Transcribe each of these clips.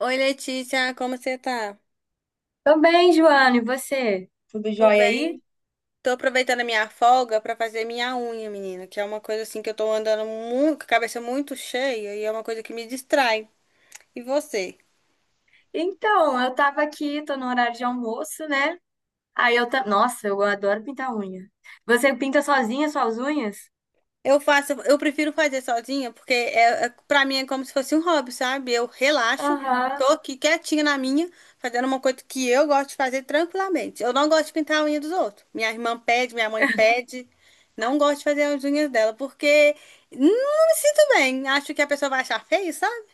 Oi, Letícia, como você tá? Tô bem, Joana, e você? Tudo Tô jóia aí? bem. Tô aproveitando a minha folga pra fazer minha unha, menina, que é uma coisa assim que eu tô andando muito, com a cabeça muito cheia e é uma coisa que me distrai. E você? Então, eu tava aqui, tô no horário de almoço, né? Nossa, eu adoro pintar unha. Você pinta sozinha suas unhas? Eu faço, eu prefiro fazer sozinha, porque para mim é como se fosse um hobby, sabe? Eu relaxo, tô Aham, aqui quietinha na minha, fazendo uma coisa que eu gosto de fazer tranquilamente. Eu não gosto de pintar a unha dos outros. Minha irmã pede, minha mãe pede. Não gosto de fazer as unhas dela, porque não me sinto bem. Acho que a pessoa vai achar feio, sabe?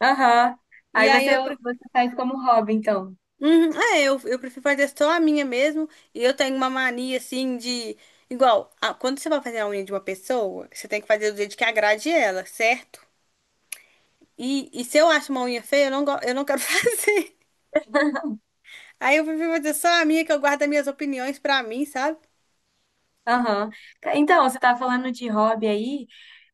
aham. E Aí aí você, eu, você faz como hobby, então. uhum, é, eu prefiro fazer só a minha mesmo. E eu tenho uma mania assim de. Igual, quando você vai fazer a unha de uma pessoa, você tem que fazer do jeito que agrade ela, certo? E se eu acho uma unha feia, eu eu não quero fazer. Aí eu prefiro fazer só a minha, que eu guardo as minhas opiniões pra mim, sabe? Aham. Então, você tava falando de hobby aí,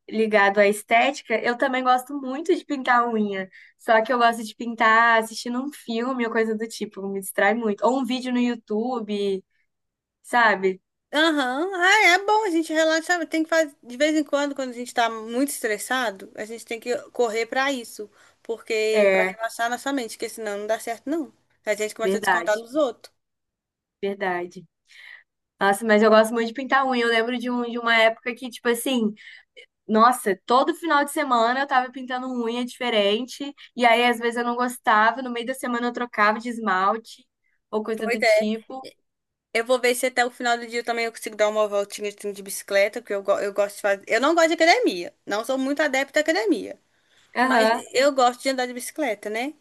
ligado à estética. Eu também gosto muito de pintar unha. Só que eu gosto de pintar assistindo um filme ou coisa do tipo, me distrai muito. Ou um vídeo no YouTube, sabe? Aham, ah, é bom, a gente relaxa, tem que fazer, de vez em quando, quando a gente tá muito estressado, a gente tem que correr pra isso, porque pra É, relaxar nossa mente, porque senão não dá certo não. A gente começa a descontar verdade. nos outros. Verdade. Nossa, mas eu gosto muito de pintar unha. Eu lembro de uma época que, tipo assim, nossa, todo final de semana eu tava pintando unha diferente. E aí, às vezes, eu não gostava. No meio da semana eu trocava de esmalte ou coisa Pois do é. tipo. Eu vou ver se até o final do dia eu também eu consigo dar uma voltinha assim, de bicicleta, porque eu gosto de fazer. Eu não gosto de academia, não sou muito adepta à academia. Mas Aham. eu gosto de andar de bicicleta, né?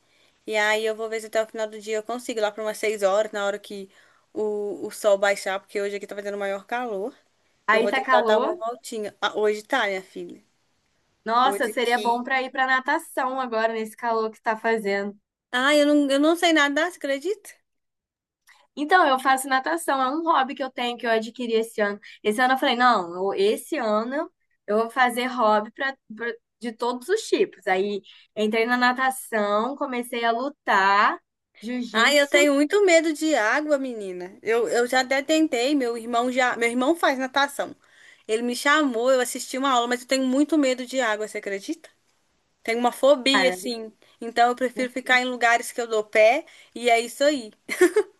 E aí eu vou ver se até o final do dia eu consigo, lá para umas 6 horas, na hora que o sol baixar, porque hoje aqui tá fazendo maior calor. Eu Aí vou tá tentar dar uma calor. voltinha. Ah, hoje tá, minha filha. Nossa, Hoje seria bom aqui. pra ir pra natação agora, nesse calor que tá fazendo. Ah, eu não sei nadar, você acredita? Então, eu faço natação, é um hobby que eu tenho que eu adquiri esse ano. Esse ano eu falei, não, esse ano eu vou fazer hobby de todos os tipos. Aí entrei na natação, comecei a lutar, Ah, eu jiu-jitsu, tenho muito medo de água, menina. Eu já até tentei, meu irmão já. Meu irmão faz natação. Ele me chamou, eu assisti uma aula, mas eu tenho muito medo de água, você acredita? Tenho uma fobia, cara. assim. Então eu prefiro ficar em lugares que eu dou pé e é isso aí.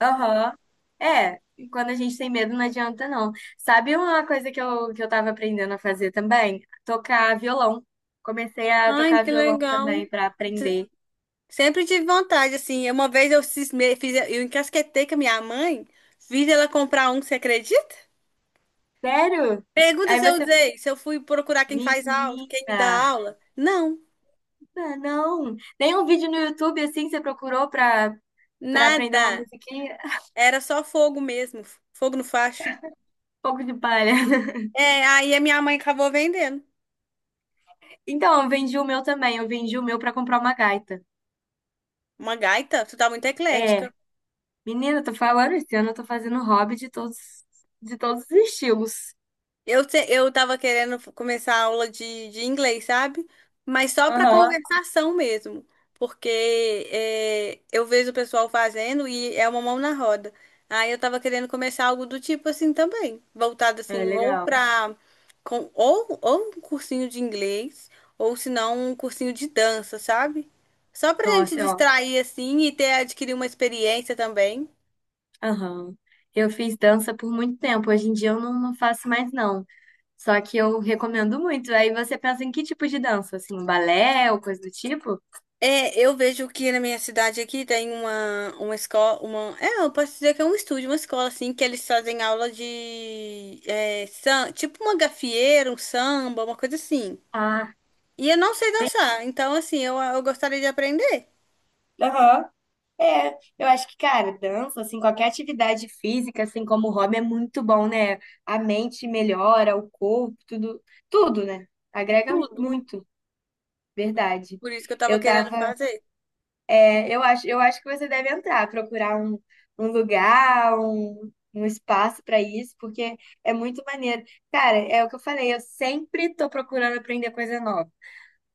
Aham. É, e quando a gente tem medo não adianta não. Sabe uma coisa que eu tava aprendendo a fazer também? Tocar violão. Comecei a Ai, tocar que violão legal. também pra aprender. Sempre tive vontade, assim. Uma vez eu cismei, fiz, eu encasquetei com a minha mãe, fiz ela comprar um, você acredita? Sério? Pergunta Aí se eu você, usei, se eu fui procurar quem faz aula, quem me dá menina. aula. Não, Ah, não, nenhum vídeo no YouTube assim você procurou pra aprender uma nada. musiquinha? Era só fogo mesmo, fogo no facho. Pouco de palha. É, aí a minha mãe acabou vendendo. Então, eu vendi o meu também, eu vendi o meu pra comprar uma gaita. Uma gaita, tu tá muito É, eclética. menina, eu tô falando esse ano, eu tô fazendo hobby de todos os estilos. Eu, eu tava querendo começar a aula de inglês, sabe? Mas só para Aham. conversação mesmo. Porque é, eu vejo o pessoal fazendo e é uma mão na roda. Aí eu tava querendo começar algo do tipo assim também. Voltado assim, É ou legal. pra. Com, ou um cursinho de inglês, ou se não, um cursinho de dança, sabe? Só pra gente Nossa, é, ó. distrair assim e ter adquirir uma experiência também. Aham. Eu fiz dança por muito tempo, hoje em dia eu não, não faço mais não. Só que eu recomendo muito. Aí você pensa em que tipo de dança? Assim, balé ou coisa do tipo? É, eu vejo que na minha cidade aqui tem uma escola, uma, é, eu posso dizer que é um estúdio, uma escola assim, que eles fazem aula de, é, tipo uma gafieira, um samba, uma coisa assim. Ah. E eu não sei dançar, então assim, eu gostaria de aprender Aham. É, eu acho que, cara, dança, assim, qualquer atividade física, assim como o hobby, é muito bom, né? A mente melhora, o corpo, tudo, tudo, né? Agrega tudo, muito, verdade. por isso que eu tava Eu querendo tava, fazer. é, eu acho que você deve entrar, procurar um lugar, um espaço pra isso, porque é muito maneiro. Cara, é o que eu falei, eu sempre tô procurando aprender coisa nova.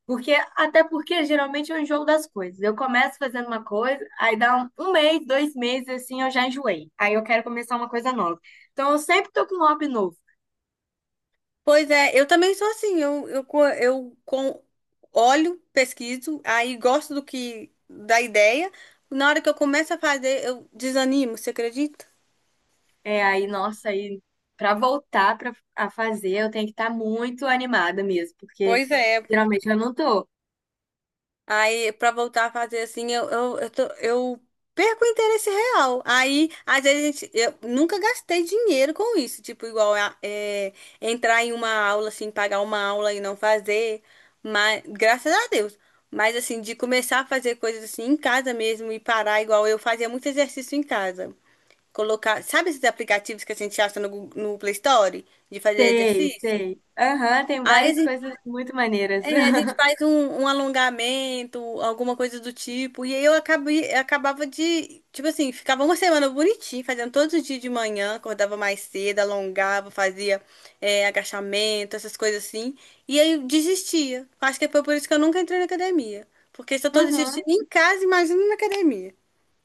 Até porque geralmente eu enjoo das coisas. Eu começo fazendo uma coisa, aí dá um mês, dois meses, assim, eu já enjoei. Aí eu quero começar uma coisa nova. Então eu sempre tô com um hobby novo. Pois é, eu também sou assim, eu com, olho, pesquiso, aí gosto do que, da ideia, na hora que eu começo a fazer, eu desanimo, você acredita? É aí, nossa, aí pra voltar a fazer, eu tenho que estar muito animada mesmo, porque Pois é. geralmente eu não tô. Aí, pra voltar a fazer assim, eu perco o interesse real. Aí, às vezes, eu nunca gastei dinheiro com isso. Tipo, é, entrar em uma aula, assim, pagar uma aula e não fazer. Mas, graças a Deus. Mas, assim, de começar a fazer coisas assim em casa mesmo e parar, igual eu fazia muito exercício em casa. Colocar, sabe esses aplicativos que a gente acha no, no Play Store? De fazer Sei, exercício? sei. Aham, tem Aí, várias coisas muito maneiras. é, a gente faz um, um alongamento, alguma coisa do tipo. E aí eu acabei, acabava de, tipo assim, ficava uma semana bonitinho, fazendo todos os dias de manhã, acordava mais cedo, alongava, fazia é, agachamento, essas coisas assim. E aí eu desistia. Acho que foi por isso que eu nunca entrei na academia. Porque se eu tô Uhum. desistindo em casa, imagina na academia.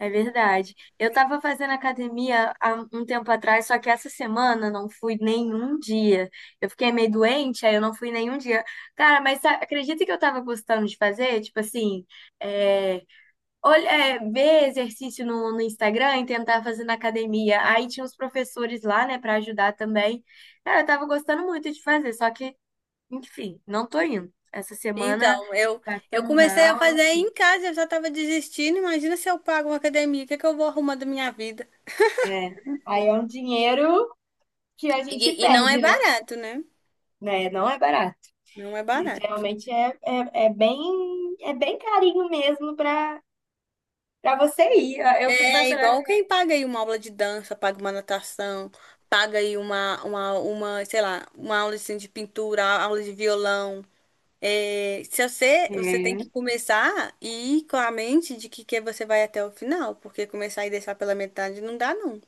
É verdade. Eu estava fazendo academia há um tempo atrás, só que essa semana não fui nenhum dia. Eu fiquei meio doente, aí eu não fui nenhum dia. Cara, mas acredita que eu estava gostando de fazer? Tipo assim, é, olha, ver exercício no, no Instagram e tentar fazer na academia. Aí tinha os professores lá, né, para ajudar também. Cara, eu estava gostando muito de fazer, só que, enfim, não tô indo. Essa semana, Então, eu passando comecei a mal, não fazer fui. em casa, eu já tava desistindo. Imagina se eu pago uma academia, o que é que eu vou arrumar da minha vida? É. Aí é um dinheiro que a gente E não é perde, né? barato, né? Né? Não é barato. Não é E barato. geralmente é bem carinho mesmo para você ir. Eu fico É pensando, igual quem paga aí uma aula de dança, paga uma natação, paga aí uma, sei lá, uma aula assim, de pintura, aula de violão. É, se você, você tem É, que começar e ir com a mente de que você vai até o final, porque começar e deixar pela metade não dá, não.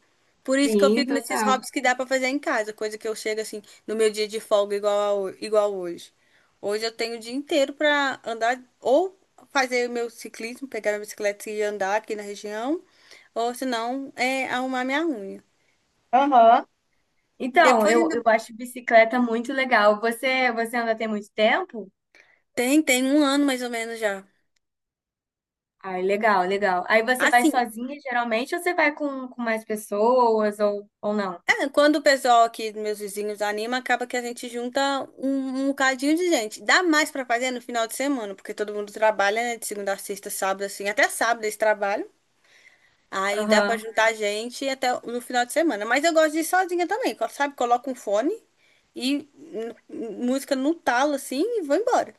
Por isso que eu sim, fico nesses total. hobbies que dá pra fazer em casa, coisa que eu chego assim no meu dia de folga igual, igual hoje. Hoje eu tenho o dia inteiro pra andar ou fazer o meu ciclismo, pegar a bicicleta e andar aqui na região, ou se não, é arrumar minha unha. Aham. Então, Depois eu, ainda eu acho bicicleta muito legal. Você anda tem muito tempo? tem, tem um ano mais ou menos já. Ai, legal, legal. Aí você vai Assim, sozinha geralmente ou você vai com mais pessoas ou não? é, quando o pessoal aqui, meus vizinhos, anima, acaba que a gente junta um, um bocadinho de gente. Dá mais pra fazer no final de semana, porque todo mundo trabalha, né? De segunda a sexta, sábado, assim, até sábado eles trabalham. Aí dá pra Aham. juntar gente até no final de semana. Mas eu gosto de ir sozinha também, sabe? Coloco um fone e música no talo, assim, e vou embora.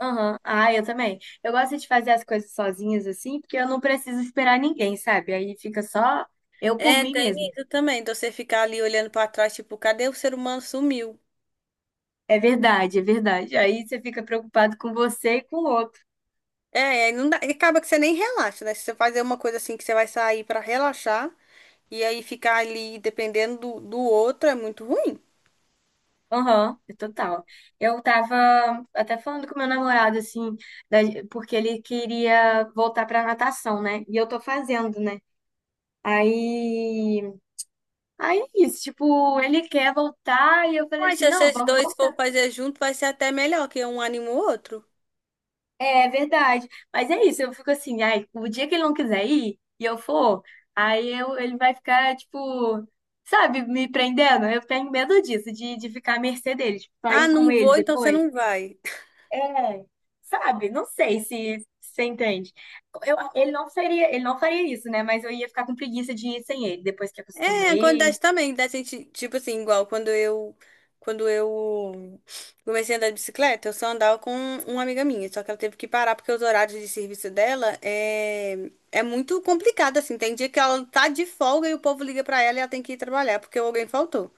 Aham. Ah, eu também. Eu gosto de fazer as coisas sozinhas assim, porque eu não preciso esperar ninguém, sabe? Aí fica só eu por É, mim tem mesmo. isso também, de você ficar ali olhando pra trás, tipo, cadê o ser humano sumiu? É verdade, é verdade. Aí você fica preocupado com você e com o outro. É, aí não dá, e acaba que você nem relaxa, né? Se você fazer uma coisa assim que você vai sair pra relaxar. E aí ficar ali dependendo do outro é muito ruim. Aham, é total. Eu tava até falando com meu namorado, assim, da- porque ele queria voltar pra natação, né? E eu tô fazendo, né? Aí, aí é isso, tipo, ele quer voltar e eu falei Mas assim, se não, vocês vamos dois for voltar. fazer junto, vai ser até melhor, que um anima o outro. É verdade. Mas é isso, eu fico assim, ai, o dia que ele não quiser ir e eu for, ele vai ficar, tipo, sabe, me prendendo. Eu tenho medo disso, de ficar à mercê dele, tipo, Ah, sair com não ele vou, então você depois. não vai. É, sabe, não sei se você entende. Ele não seria, ele não faria isso, né? Mas eu ia ficar com preguiça de ir sem ele, depois que É, acostumei. acontece também, da gente, tipo assim, igual quando eu comecei a andar de bicicleta, eu só andava com uma amiga minha, só que ela teve que parar porque os horários de serviço dela é muito complicado, assim. Tem dia que ela tá de folga e o povo liga pra ela e ela tem que ir trabalhar porque alguém faltou.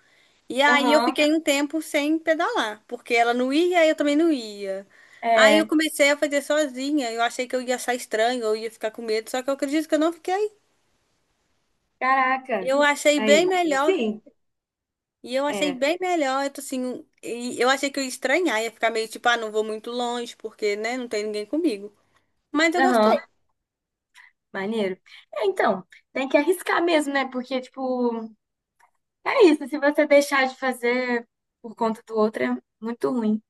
E aí eu Aham. fiquei um tempo sem pedalar, porque ela não ia e eu também não ia. Aí eu É, comecei a fazer sozinha. Eu achei que eu ia achar estranho, eu ia ficar com medo, só que eu acredito que eu não fiquei. caraca. Eu achei bem Aí, melhor. sim, E eu achei é. bem melhor, eu tô assim, um, e eu achei que eu ia estranhar, ia ficar meio tipo, ah, não vou muito longe, porque, né, não tem ninguém comigo. Mas eu Aham. gostei. Maneiro. É, então, tem que arriscar mesmo, né? Porque, tipo, é isso. Se você deixar de fazer por conta do outro, é muito ruim.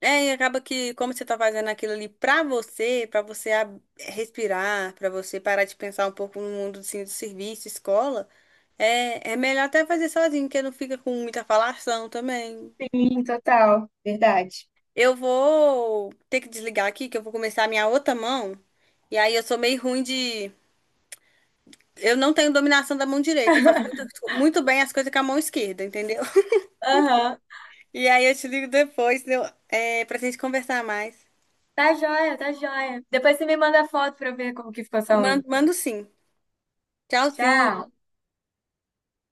É, e acaba que como você tá fazendo aquilo ali pra você respirar, pra você parar de pensar um pouco no mundo assim, do serviço, escola, é, é melhor até fazer sozinho, porque não fica com muita falação também. Sim, total, verdade. Eu vou ter que desligar aqui, que eu vou começar a minha outra mão. E aí eu sou meio ruim de. Eu não tenho dominação da mão direita. Eu faço muito, muito bem as coisas com a mão esquerda, entendeu? Aham. E aí eu te ligo depois, entendeu? É, pra gente conversar mais. Tá joia, tá joia. Depois você me manda foto pra eu ver como que ficou sua unha. Mando, mando sim. Tchau. Tchauzinho.